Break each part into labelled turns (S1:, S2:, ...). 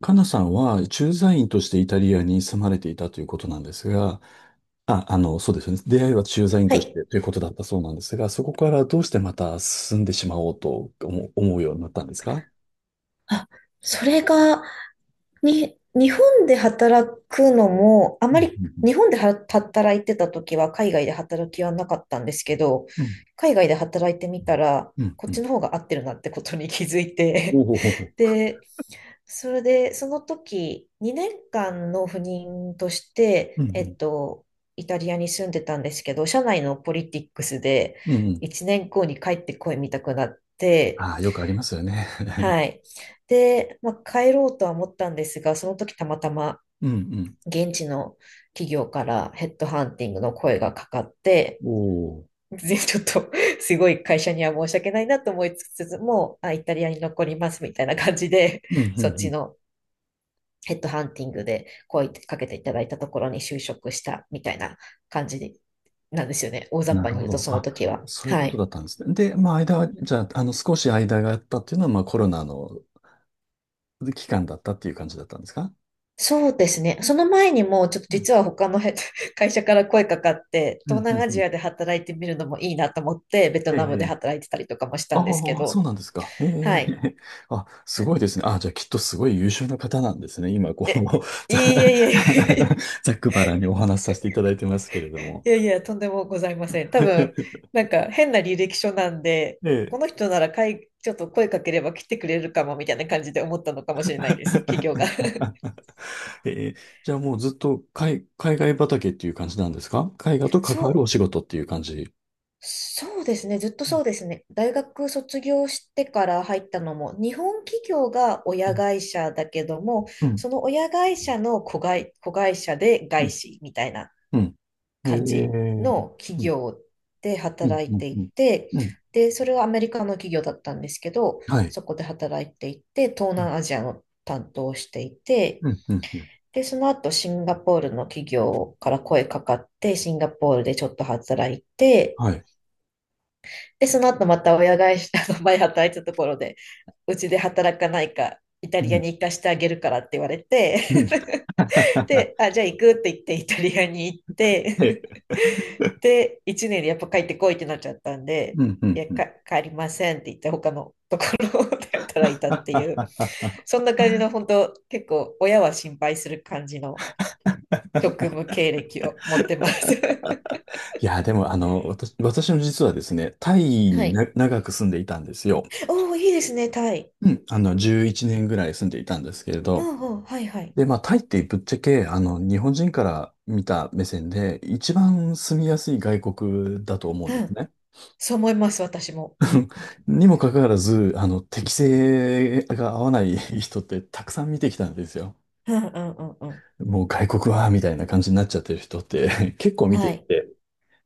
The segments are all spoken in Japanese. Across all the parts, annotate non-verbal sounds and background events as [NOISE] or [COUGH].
S1: かなさんは駐在員としてイタリアに住まれていたということなんですが、そうですね。出会いは駐在員
S2: は
S1: とし
S2: い。
S1: てということだったそうなんですが、そこからどうしてまた住んでしまおうと思う、思うようになったんですか？
S2: あ、それが、日本で働くのも、あ
S1: う
S2: ま
S1: ん
S2: り
S1: うん
S2: 日本では働いてた時は海外で働きはなかったんですけど、
S1: うん。
S2: 海外で働いてみたら、
S1: うん
S2: こっ
S1: う
S2: ち
S1: ん
S2: の方が合ってるなってことに気づい
S1: うん。お
S2: て、
S1: おほほ
S2: [LAUGHS]
S1: ほ。
S2: で、それで、その時、2年間の赴任とし
S1: う
S2: て、
S1: んうん。
S2: イタリアに住んでたんですけど、社内のポリティックスで、
S1: うんうん。
S2: 1年後に帰ってこいみたくなって、
S1: ああ、よくありますよね。
S2: は
S1: [LAUGHS]
S2: い。で、まあ、帰ろうとは思ったんですが、その時たまたま
S1: うんう
S2: 現地の企業からヘッドハンティングの声がかかって、
S1: ん。おお。
S2: [LAUGHS] ぜちょっと [LAUGHS] すごい会社には申し訳ないなと思いつつも、あ、イタリアに残りますみたいな感じで、
S1: うんう
S2: [LAUGHS]
S1: んう
S2: そっち
S1: ん。
S2: のヘッドハンティングで声かけていただいたところに就職したみたいな感じなんですよね。大雑
S1: な
S2: 把
S1: る
S2: に
S1: ほ
S2: 言うと
S1: ど。
S2: その
S1: あ、
S2: 時は。
S1: そういうこ
S2: は
S1: とだ
S2: い。
S1: ったんですね。で、まあ、間は、じゃあ、少し間があったっていうのは、まあ、コロナの期間だったっていう感じだったんですか？
S2: そうですね。その前にも、ちょっと実は他のへ [LAUGHS] 会社から声かかって、
S1: う
S2: 東
S1: んう
S2: 南
S1: ん
S2: ア
S1: う
S2: ジ
S1: ん。
S2: アで働いてみるのもいいなと思って、ベト
S1: え
S2: ナムで
S1: え。
S2: 働いてたりとかもしたんですけ
S1: ああ、そう
S2: ど、
S1: なんですか。え
S2: はい。
S1: え。[LAUGHS] あ、すごいですね。あ、じゃあきっとすごい優秀な方なんですね。今、こう、
S2: え、いえ
S1: ざ、
S2: い
S1: [LAUGHS]
S2: えいえ、
S1: ざっくばらんにお話しさせていただいてますけれど
S2: [LAUGHS]
S1: も。
S2: いやいや、とんでもございません。多分、
S1: [LAUGHS]
S2: なんか変な履歴書なんで、
S1: え
S2: こ
S1: え。
S2: の人ならかい、ちょっと声かければ来てくれるかもみたいな感じで思ったのかもしれないです、企業が。[LAUGHS]
S1: ええ。じゃあもうずっと海外畑っていう感じなんですか？絵画と関
S2: そ
S1: わるお
S2: う
S1: 仕事っていう感じ。
S2: そうですね。ずっと
S1: うん、
S2: そうですね。大学卒業してから入ったのも、日本企業が
S1: う
S2: 親
S1: ん、
S2: 会社だけども、
S1: うん、
S2: その親会社の子会社で
S1: う
S2: 外
S1: ん。
S2: 資みたいな
S1: うん。え
S2: 感じ
S1: え。
S2: の
S1: う
S2: 企
S1: ん、
S2: 業で
S1: うん、
S2: 働い
S1: うん、
S2: て
S1: う
S2: い
S1: ん。
S2: て、
S1: うん。
S2: で、それはアメリカの企業だったんですけど、
S1: はい。
S2: そこで働いていて、東
S1: うん、
S2: 南アジアの担当をしていて、
S1: うん、うん。うん。
S2: で、その後シンガポールの企業から声かかって、シンガポールでちょっと働いて、
S1: はい。
S2: で、その後また親会社、あの前働いてたところで、うちで働かないか、イタリアに行かしてあげるからって言われ
S1: う
S2: て、
S1: ん。[LAUGHS]
S2: [LAUGHS] で、あ、じゃあ行くって言ってイタリアに行って、
S1: い。
S2: [LAUGHS] で、1年でやっぱ帰ってこいってなっちゃったんで、
S1: うんう
S2: い
S1: ん
S2: や、
S1: うん。
S2: 帰りませんって言って他のところで働いたっていう、
S1: [LAUGHS]。
S2: そんな感じの本当、結構親は心配する感じの職務経歴を持ってます。
S1: いや、でも、私の実はですね、タイ
S2: [LAUGHS] は
S1: にな
S2: い。
S1: 長く住んでいたんですよ。
S2: [LAUGHS] おお、いいですね、タイ。
S1: うん。あの、11年ぐらい住んでいたんですけれ
S2: う
S1: ど。
S2: んうん、はいはい。
S1: で、まあ、タイってぶっちゃけ、あの、日本人から見た目線で、一番住みやすい外国だと思うんで
S2: う
S1: す
S2: ん。
S1: ね。
S2: そう思います、私も。
S1: にもかかわらず、あの、適性が合わない人ってたくさん見てきたんですよ。
S2: うんうんうんうん。
S1: もう外国は、みたいな感じになっちゃってる人って [LAUGHS] 結構見て
S2: は
S1: い
S2: い。
S1: て。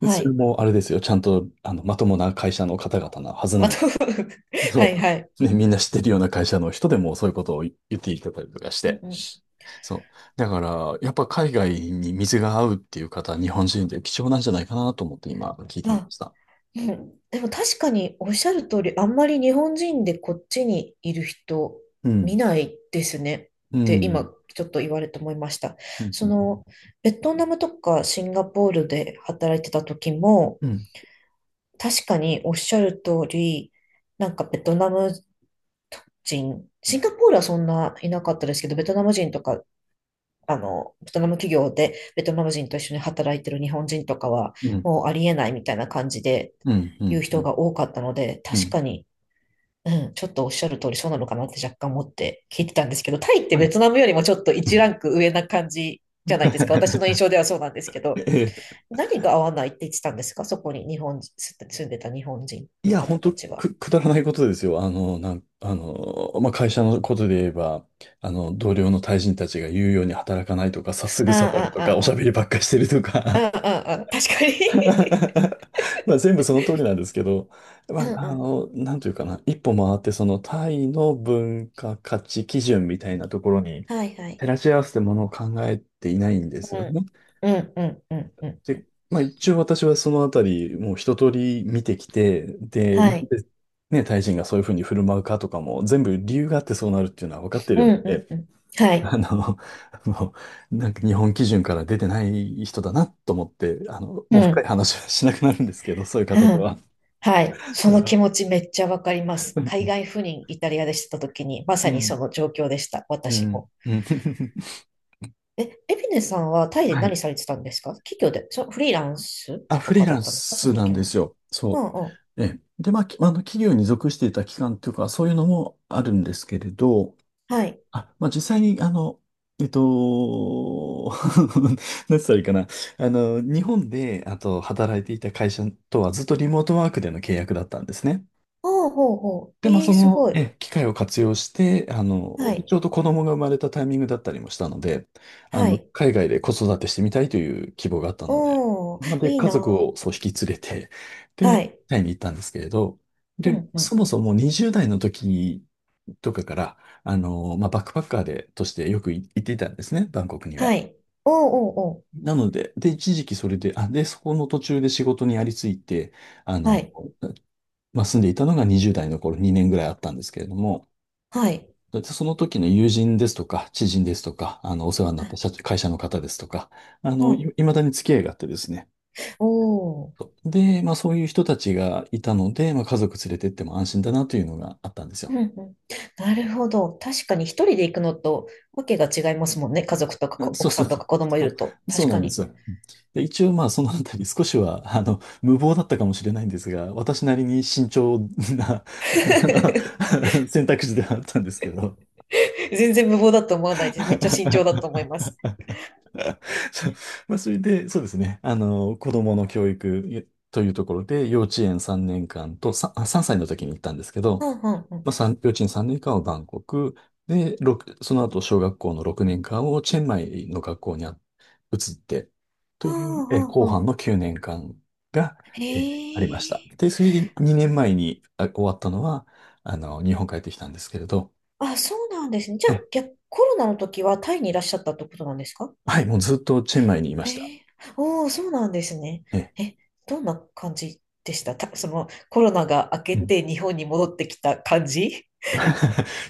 S1: でそれ
S2: い。
S1: もあれですよ。ちゃんと、あの、まともな会社の方々なはず
S2: ま
S1: な
S2: あ、
S1: の。
S2: と [LAUGHS] は
S1: そ
S2: いはい。
S1: う。ね、みんな知ってるような会社の人でもそういうことを言っていただいたりとかし
S2: うん
S1: て。
S2: うん。
S1: そう。だから、やっぱ海外に水が合うっていう方、日本人で貴重なんじゃないかなと思って今聞いてみま
S2: あ、
S1: した。
S2: うん。でも確かにおっしゃる通り、あんまり日本人でこっちにいる人
S1: う
S2: 見
S1: ん。
S2: ないですねっ
S1: う
S2: て今
S1: ん。
S2: ちょっと言われて思いました。
S1: う
S2: そ
S1: ん。
S2: の、ベトナムとかシンガポールで働いてた時も、
S1: うん。
S2: 確かにおっしゃる通り、なんかベトナム人、シンガポールはそんないなかったですけど、ベトナム人とかあの、ベトナム企業でベトナム人と一緒に働いてる日本人とかは、
S1: うん。
S2: もうありえないみたいな感じで
S1: うん。う
S2: 言う
S1: ん。う
S2: 人
S1: ん。
S2: が多かったので、
S1: う
S2: 確
S1: ん。
S2: かに、うん、ちょっとおっしゃる通りそうなのかなって若干思って聞いてたんですけど、タイって
S1: は
S2: ベ
S1: い。
S2: トナムよりもちょっと1ランク上な感じじゃないですか。私の
S1: [LAUGHS]
S2: 印象ではそうなんですけど、何が合わないって言ってたんですかそこに住んでた日本人
S1: い
S2: の
S1: や、本
S2: 方
S1: 当
S2: たちは。
S1: くだらないことですよ。あの、なん、あの、まあ、会社のことで言えば、あの、同僚の対人たちが言うように働かないとか、さすぐ下る
S2: あ
S1: と
S2: あ、
S1: か、お
S2: あ
S1: しゃ
S2: あ、
S1: べりばっかりしてるとか。
S2: ああ、ああ、ああ、確かに。
S1: [LAUGHS] まあ、全部その通りなんですけど、
S2: [LAUGHS] うん
S1: まあ、
S2: う
S1: あ
S2: ん。
S1: の、なんというかな、一歩回って、そのタイの文化価値基準みたいなところに
S2: はいはい。
S1: 照らし合わせてものを考えていないんです
S2: う
S1: よ
S2: ん。
S1: ね。
S2: うんうんうんうん。
S1: で、まあ一応私はそのあたり、もう一通り見てきて、で、
S2: は
S1: なん
S2: い。
S1: でね、タイ人がそういうふうに振る舞うかとかも、全部理由があってそうなるっていうのは分かって
S2: うん
S1: るの
S2: う
S1: で、
S2: んうん。はい。
S1: あの、[LAUGHS] もう、なんか日本基準から出てない人だなと思って、あの、
S2: う
S1: もう深い
S2: ん。
S1: 話はしなくなるんですけど、そういう
S2: うん。
S1: 方と
S2: [LAUGHS]
S1: は。
S2: はい。そ
S1: だか
S2: の
S1: ら、
S2: 気持ちめっちゃわかります。海
S1: う
S2: 外赴任イタリアでした時に、まさ
S1: ん、
S2: にその状況でした。
S1: う
S2: 私
S1: ん、
S2: も。
S1: うん。[LAUGHS]
S2: え、エビネさんはタイで
S1: は
S2: 何
S1: い。
S2: されてたんですか企業で、そ、フリーランス
S1: あ、フ
S2: と
S1: リー
S2: かだ
S1: ラ
S2: っ
S1: ン
S2: たんですかそ
S1: ス
S2: の
S1: なん
S2: 時
S1: で
S2: も。
S1: すよ。
S2: う
S1: そ
S2: んうん。
S1: う。ええ。で、まあ、きあの、企業に属していた期間というか、そういうのもあるんですけれど、
S2: はい。
S1: あ、まあ、実際に、あの、えっと、[LAUGHS] 何つったらいいかな。あの、日本で、あと、働いていた会社とはずっとリモートワークでの契約だったんですね。
S2: ああ、ほうほう。
S1: で、まあ、
S2: え
S1: そ
S2: えす
S1: の、
S2: ごい。
S1: ええ、機会を活用して、あの、
S2: はい。
S1: ちょうど子供が生まれたタイミングだったりもしたので、あ
S2: は
S1: の、
S2: い。
S1: 海外で子育てしてみたいという希望があったので、
S2: お
S1: まあ、
S2: ー、
S1: で、
S2: いい
S1: 家
S2: な
S1: 族
S2: ー。
S1: をそう引き連れて、
S2: は
S1: で、
S2: い。
S1: タイに行ったんですけれど、
S2: う
S1: で、
S2: んう
S1: そも
S2: ん。
S1: そも20代の時とかから、あの、まあ、バックパッカーで、としてよく行っていたんですね、バンコクに
S2: は
S1: は。
S2: い。おーおーお
S1: なので、で、一時期それで、あ、で、そこの途中で仕事にありついて、あ
S2: ー。は
S1: の、
S2: い。
S1: まあ、住んでいたのが20代の頃2年ぐらいあったんですけれども、
S2: はい。
S1: で、その時の友人ですとか、知人ですとか、あの、お世話にな
S2: は
S1: った
S2: い。
S1: 会社の方ですとか、
S2: うん。
S1: 未だに付き合いがあってですね。
S2: おー。
S1: そう。で、まあそういう人たちがいたので、まあ家族連れてっても安心だなというのがあったんです
S2: う
S1: よ。
S2: んうん、なるほど。確かに一人で行くのとわけが違いますもんね。家族とか
S1: あ、そう
S2: 奥
S1: そ
S2: さ
S1: う
S2: んと
S1: そう。
S2: か子
S1: [LAUGHS]
S2: 供い
S1: そ
S2: ると。
S1: そう
S2: 確
S1: な
S2: か
S1: んで
S2: に。
S1: すよ。で、一応まあそのあたり少しは、あの、無謀だったかもしれないんですが、私なりに慎重な
S2: [LAUGHS]
S1: [LAUGHS] 選択肢ではあったんですけど。
S2: 全然無謀だと思わないです。めっちゃ慎重だ
S1: [LAUGHS]
S2: と思います。
S1: [LAUGHS] そう。まあ、それで、そうですね。あの、子供の教育というところで、幼稚園3年間と、さんあ3歳の時に行ったんですけど、
S2: うんうんう
S1: ま
S2: ん。
S1: あ、幼稚園3年間はバンコク、で、その後、小学校の6年間をチェンマイの学校に移って、と
S2: う
S1: いう、
S2: んう
S1: え、
S2: ん
S1: 後
S2: う
S1: 半
S2: ん。
S1: の9年間が、
S2: へ
S1: えありました。で、
S2: え。
S1: それで2年前に終わったのは、あの、日本帰ってきたんですけれど、
S2: あ、そうなんですね。じゃあ、
S1: え、
S2: 逆、コロナの時はタイにいらっしゃったってことなんですか？
S1: はい、もうずっとチェンマイにいました。
S2: へえ。おお、そうなんですね。
S1: え、
S2: え、どんな感じでしたた、そのコロナが明けて日本に戻ってきた感じ。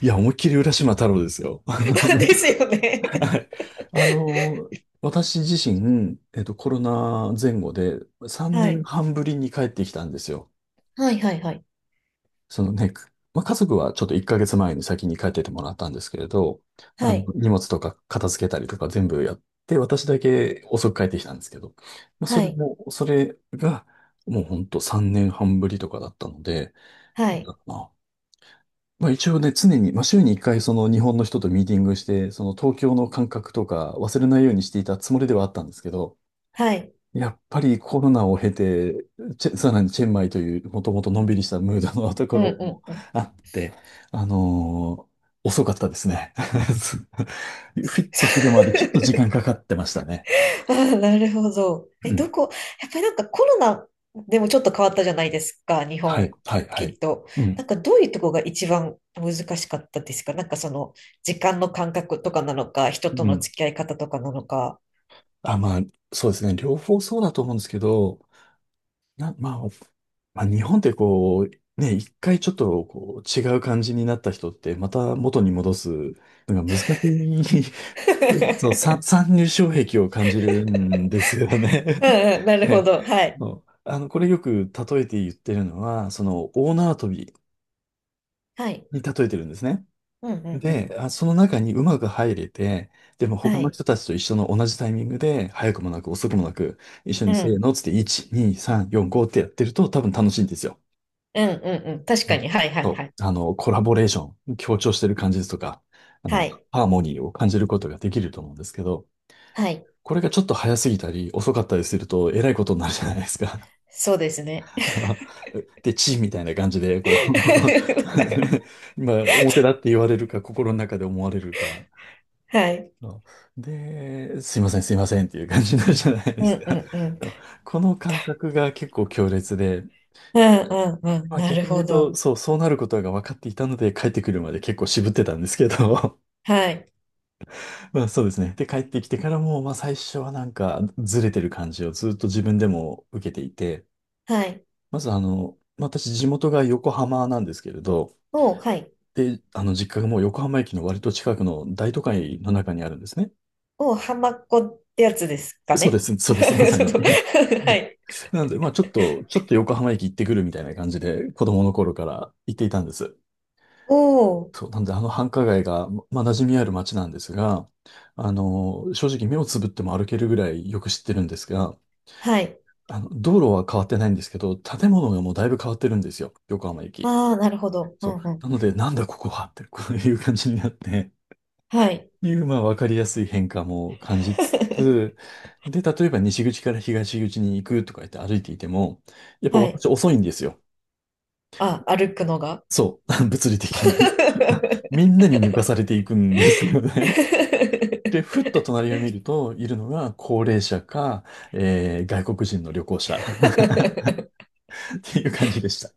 S1: いや、思いっきり浦島太郎ですよ。[LAUGHS] あの、
S2: [LAUGHS] ですよね。
S1: はい。あの、私自身、コロナ前後で3
S2: は
S1: 年
S2: い。
S1: 半ぶりに帰ってきたんですよ。
S2: はいはいはい。
S1: そのね、まあ、家族はちょっと1ヶ月前に先に帰っててもらったんですけれど、あ
S2: は
S1: の、
S2: い。
S1: 荷物とか片付けたりとか全部やって、私だけ遅く帰ってきたんですけど、まあ、
S2: はい。
S1: それが、もうほんと3年半ぶりとかだったので、
S2: は
S1: なんだ
S2: い。
S1: ろうな。まあ一応ね、常に、まあ週に1回その日本の人とミーティングして、その東京の感覚とか忘れないようにしていたつもりではあったんですけど、
S2: はい。
S1: やっぱりコロナを経て、さらにチェンマイというもともとのんびりしたムードのとこ
S2: うん
S1: ろも
S2: うんうん。
S1: あって、あのー遅かったですね。[LAUGHS] フィットするまでちょっと時間か
S2: [LAUGHS]
S1: かってましたね。
S2: ああ、なるほど。
S1: う
S2: え、ど
S1: ん。
S2: こ、やっぱりなんかコロナでもちょっと変わったじゃないですか、日
S1: はい、
S2: 本、
S1: はい、は
S2: き
S1: い。
S2: っと。
S1: う
S2: な
S1: ん。
S2: んかどういうとこが一番難しかったですかなんかその時間の感覚とかなのか、人と
S1: う
S2: の
S1: ん。
S2: 付き合い方とかなのか。
S1: あ、まあ、そうですね。両方そうだと思うんですけど、な、まあ、まあ、日本ってこう、ね、一回ちょっとこう違う感じになった人って、また元に戻すのが難しい、[LAUGHS] そう、
S2: [LAUGHS]
S1: 参入障壁を感じるんですよね。
S2: うんうん、な
S1: [LAUGHS]
S2: るほ
S1: ね、
S2: ど。はい。
S1: そう、あの、これよく例えて言ってるのは、その、大縄跳び
S2: はい。
S1: に例えてるんですね。
S2: うんうんうん。
S1: で、あ、その中にうまく入れて、でも
S2: は
S1: 他の
S2: い。
S1: 人たちと一緒の同じタイミングで、早くもなく遅くもなく、一緒
S2: う
S1: にせー
S2: ん。
S1: のっつって、1、2、3、4、5ってやってると多分楽しいんですよ。
S2: うんうんうん。確
S1: う
S2: か
S1: ん。
S2: に。はいはい
S1: そ
S2: はい。
S1: う、あの、コラボレーション、強調してる感じとか、あ
S2: は
S1: の、
S2: い。
S1: ハーモニーを感じることができると思うんですけど、
S2: はい。
S1: これがちょっと早すぎたり遅かったりすると、えらいことになるじゃないですか。
S2: そうですね。
S1: [LAUGHS] で、チーみたいな感じで、こう
S2: [LAUGHS]
S1: [LAUGHS] まあ、表だって言われるか、心の中で思われるか。
S2: はい。
S1: で、すいません、すいませんっていう感じになるじゃないで
S2: う
S1: す
S2: んう
S1: か。
S2: んうん。
S1: この感覚が結構強烈で、
S2: うんうんうん。
S1: まあ
S2: なる
S1: 逆に言
S2: ほ
S1: う
S2: ど。
S1: と、そう、そうなることが分かっていたので、帰ってくるまで結構渋ってたんですけど、[LAUGHS]
S2: はい。
S1: まあそうですね。で、帰ってきてからも、まあ最初はなんかずれてる感じをずっと自分でも受けていて、
S2: はい。
S1: まずまあ私地元が横浜なんですけれど、
S2: おう、はい。
S1: で、あの実家がもう横浜駅の割と近くの大都会の中にあるんですね。
S2: おう、ハマっ子ってやつですか
S1: そうで
S2: ね。
S1: す、そうです、ま
S2: [LAUGHS]
S1: さ
S2: そう
S1: に。
S2: そう。 [LAUGHS] はい。
S1: [LAUGHS] なので、まあちょっと、横浜駅行ってくるみたいな感じで、子供の頃から行っていたんです。
S2: おう、
S1: そう、なんであの繁華街が、馴染みある街なんですが、あの、正直目をつぶっても歩けるぐらいよく知ってるんですが、
S2: はい。
S1: あの、道路は変わってないんですけど、建物がもうだいぶ変わってるんですよ。横浜駅。
S2: ああ、なるほど。うん
S1: そう。
S2: うん
S1: な
S2: う
S1: の
S2: ん。
S1: で、なんだここはって、こういう感じになって、
S2: はい。
S1: いう、まあ、わかりやすい変化も感じつつ、
S2: [LAUGHS]
S1: で、例えば西口から東口に行くとか言って歩いていても、やっぱ
S2: は
S1: 私
S2: い。
S1: 遅いんですよ。
S2: あ、歩くのが。[LAUGHS]
S1: そう。[LAUGHS] 物理的に [LAUGHS] みんなに抜かされていくんですよね。で、ふっと隣を見ると、いるのが高齢者か、外国人の旅行者 [LAUGHS] っていう感じでした。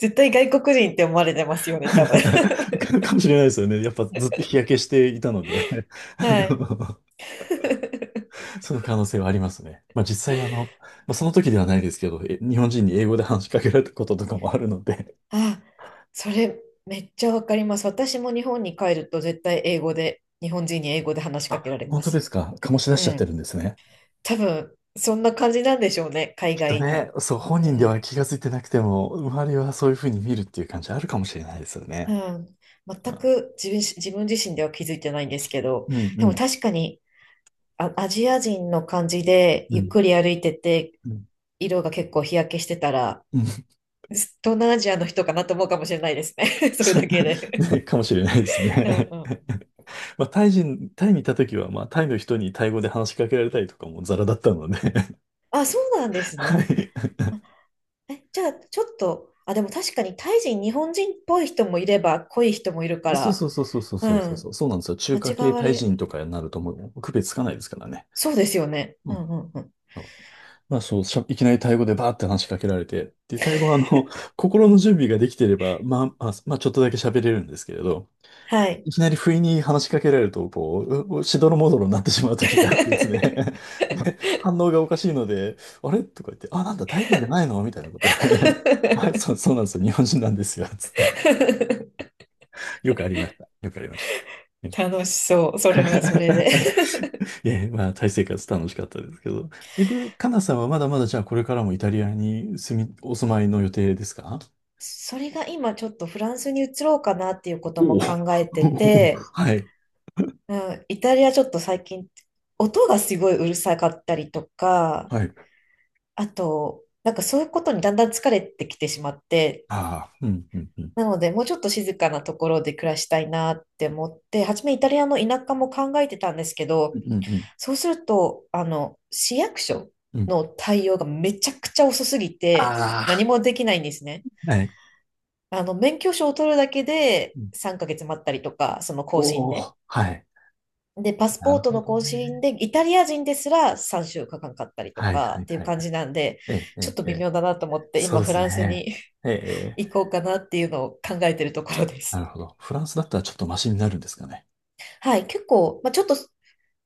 S2: 絶対外国人って思われてますよね、多分。
S1: [LAUGHS] かもしれないですよね。やっぱずっと日焼けしていたので [LAUGHS] あ
S2: はい。
S1: の、その可能性はありますね。まあ実際あの、まあ、その時ではないですけど、日本人に英語で話しかけられたこととかもあるので、
S2: あ、それめっちゃわかります。私も日本に帰ると絶対英語で、日本人に英語で話しかけら
S1: あ、
S2: れ
S1: 本
S2: ま
S1: 当で
S2: す。
S1: すか。醸し出
S2: う
S1: しちゃって
S2: ん。
S1: るんですね。
S2: 多分、そんな感じなんでしょうね、海
S1: きっと
S2: 外に。
S1: ね、そう、本
S2: う
S1: 人では
S2: ん。
S1: 気がついてなくても、周りはそういうふうに見るっていう感じあるかもしれないですよ
S2: う
S1: ね。
S2: ん。
S1: う
S2: 全く自分自身では気づいてないんですけど、
S1: んうんう
S2: でも
S1: ん。
S2: 確かにあ、アジア人の感じで
S1: う
S2: ゆっ
S1: ん
S2: くり歩いてて、
S1: うん
S2: 色が結構日焼けしてたら、
S1: うん。
S2: 東南アジアの人かなと思うかもしれないですね。[LAUGHS] それだけ
S1: [LAUGHS]
S2: で。
S1: ね、かもしれないです
S2: うん
S1: ね。
S2: うん。
S1: [LAUGHS] まあ、タイ人、タイにいた時は、まあ、タイの人にタイ語で話しかけられたりとかもザラだったので [LAUGHS]
S2: あ、そうなんです
S1: は
S2: ね。
S1: い。
S2: え、じゃあ、ちょっと、あ、でも確かにタイ人、日本人っぽい人もいれば、濃い人もいるか
S1: そう
S2: ら、
S1: そうそうそうそう
S2: う
S1: そうそうそ
S2: ん、
S1: う、そうなんですよ。中
S2: 間
S1: 華
S2: 違
S1: 系
S2: わ
S1: タイ
S2: れ、
S1: 人とかになるともう区別つかないですからね。
S2: そうですよね。
S1: う
S2: うん
S1: ん。
S2: うんうん。
S1: そう、まあそう、いきなりタイ語でバーって話しかけられて、で、タイ語はあの、心の準備ができてれば、まあ、まあ、まあ、ちょっとだけ喋れるんですけれど、
S2: はい。
S1: いきなり不意に話しかけられると、こう、しどろもどろになってしまう時があってですね。[LAUGHS] で、反応がおかしいので、あれとか言って、あ、なんだ、大変じゃないのみたいなこと言って [LAUGHS] はい、そう、
S2: [LAUGHS]
S1: そうなんですよ。日本人なんですよ。つって。よくありました。よくありました。
S2: 楽しそう。それはそれで。
S1: [LAUGHS] え、まあ、タイ生活楽しかったですけど。え、で、カナさんはまだまだじゃあこれからもイタリアに住み、お住まいの予定ですか？
S2: それが今ちょっとフランスに移ろうかなっていうこと
S1: お
S2: も
S1: お。
S2: 考えてて、
S1: [LAUGHS] はい。
S2: うん、イタリアちょっと最近音がすごいうるさかったりとか、
S1: はい。
S2: あと、なんかそういうことにだんだん疲れてきてしまって、
S1: ああ、うん、うん、うん。
S2: なので、もうちょっと静かなところで暮らしたいなって思って、初めイタリアの田舎も考えてたんですけど、
S1: うん、うん、
S2: そうすると、あの、市役所
S1: うん。
S2: の対応がめちゃくちゃ遅すぎて、
S1: あ
S2: 何もできないんですね。
S1: あ。はい。
S2: あの、免許証を取るだけで3ヶ月待ったりとか、その更新
S1: お
S2: で。
S1: お、はい。
S2: で、パス
S1: な
S2: ポ
S1: る
S2: ート
S1: ほ
S2: の
S1: ど
S2: 更新
S1: ね。
S2: で、イタリア人ですら3週間かかんかったりと
S1: はい
S2: か
S1: は
S2: っ
S1: い
S2: ていう
S1: はい
S2: 感
S1: は
S2: じ
S1: い。
S2: なんで、
S1: ええ、え
S2: ちょっと
S1: え、え
S2: 微
S1: え、
S2: 妙だなと思って、
S1: そう
S2: 今
S1: で
S2: フ
S1: す
S2: ランス
S1: ね。
S2: に
S1: ええ、
S2: [LAUGHS]
S1: ええ、
S2: 行こうかなっていうのを考えてるところで
S1: な
S2: す。
S1: るほど。フランスだったらちょっとマシになるんですかね。
S2: はい、結構、まあ、ちょっと、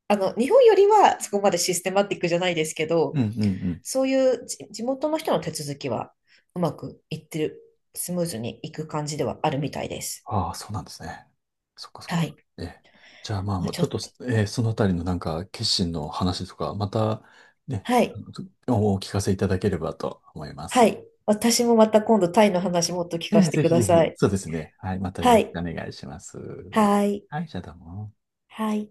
S2: あの、日本よりはそこまでシステマティックじゃないですけ
S1: う
S2: ど、
S1: んうんうん。
S2: そういう地元の人の手続きはうまくいってる、スムーズにいく感じではあるみたいです。
S1: ああ、そうなんですね。そっかそっ
S2: は
S1: か。
S2: い。
S1: ええ。じゃあまあ、
S2: まあ、
S1: まあ
S2: ち
S1: ち
S2: ょ
S1: ょっと、
S2: っと。
S1: ええ、そのあたりのなんか決心の話とか、またね、
S2: はい。
S1: おお聞かせいただければと思いま
S2: は
S1: す。
S2: い。私もまた今度タイの話もっと聞
S1: え
S2: か
S1: え、
S2: せて
S1: ぜ
S2: く
S1: ひ
S2: だ
S1: ぜ
S2: さ
S1: ひ。
S2: い。
S1: そうですね。はい、またよ
S2: は
S1: ろし
S2: い。
S1: くお願いします。
S2: はい。
S1: はい、じゃあどうも。
S2: はい。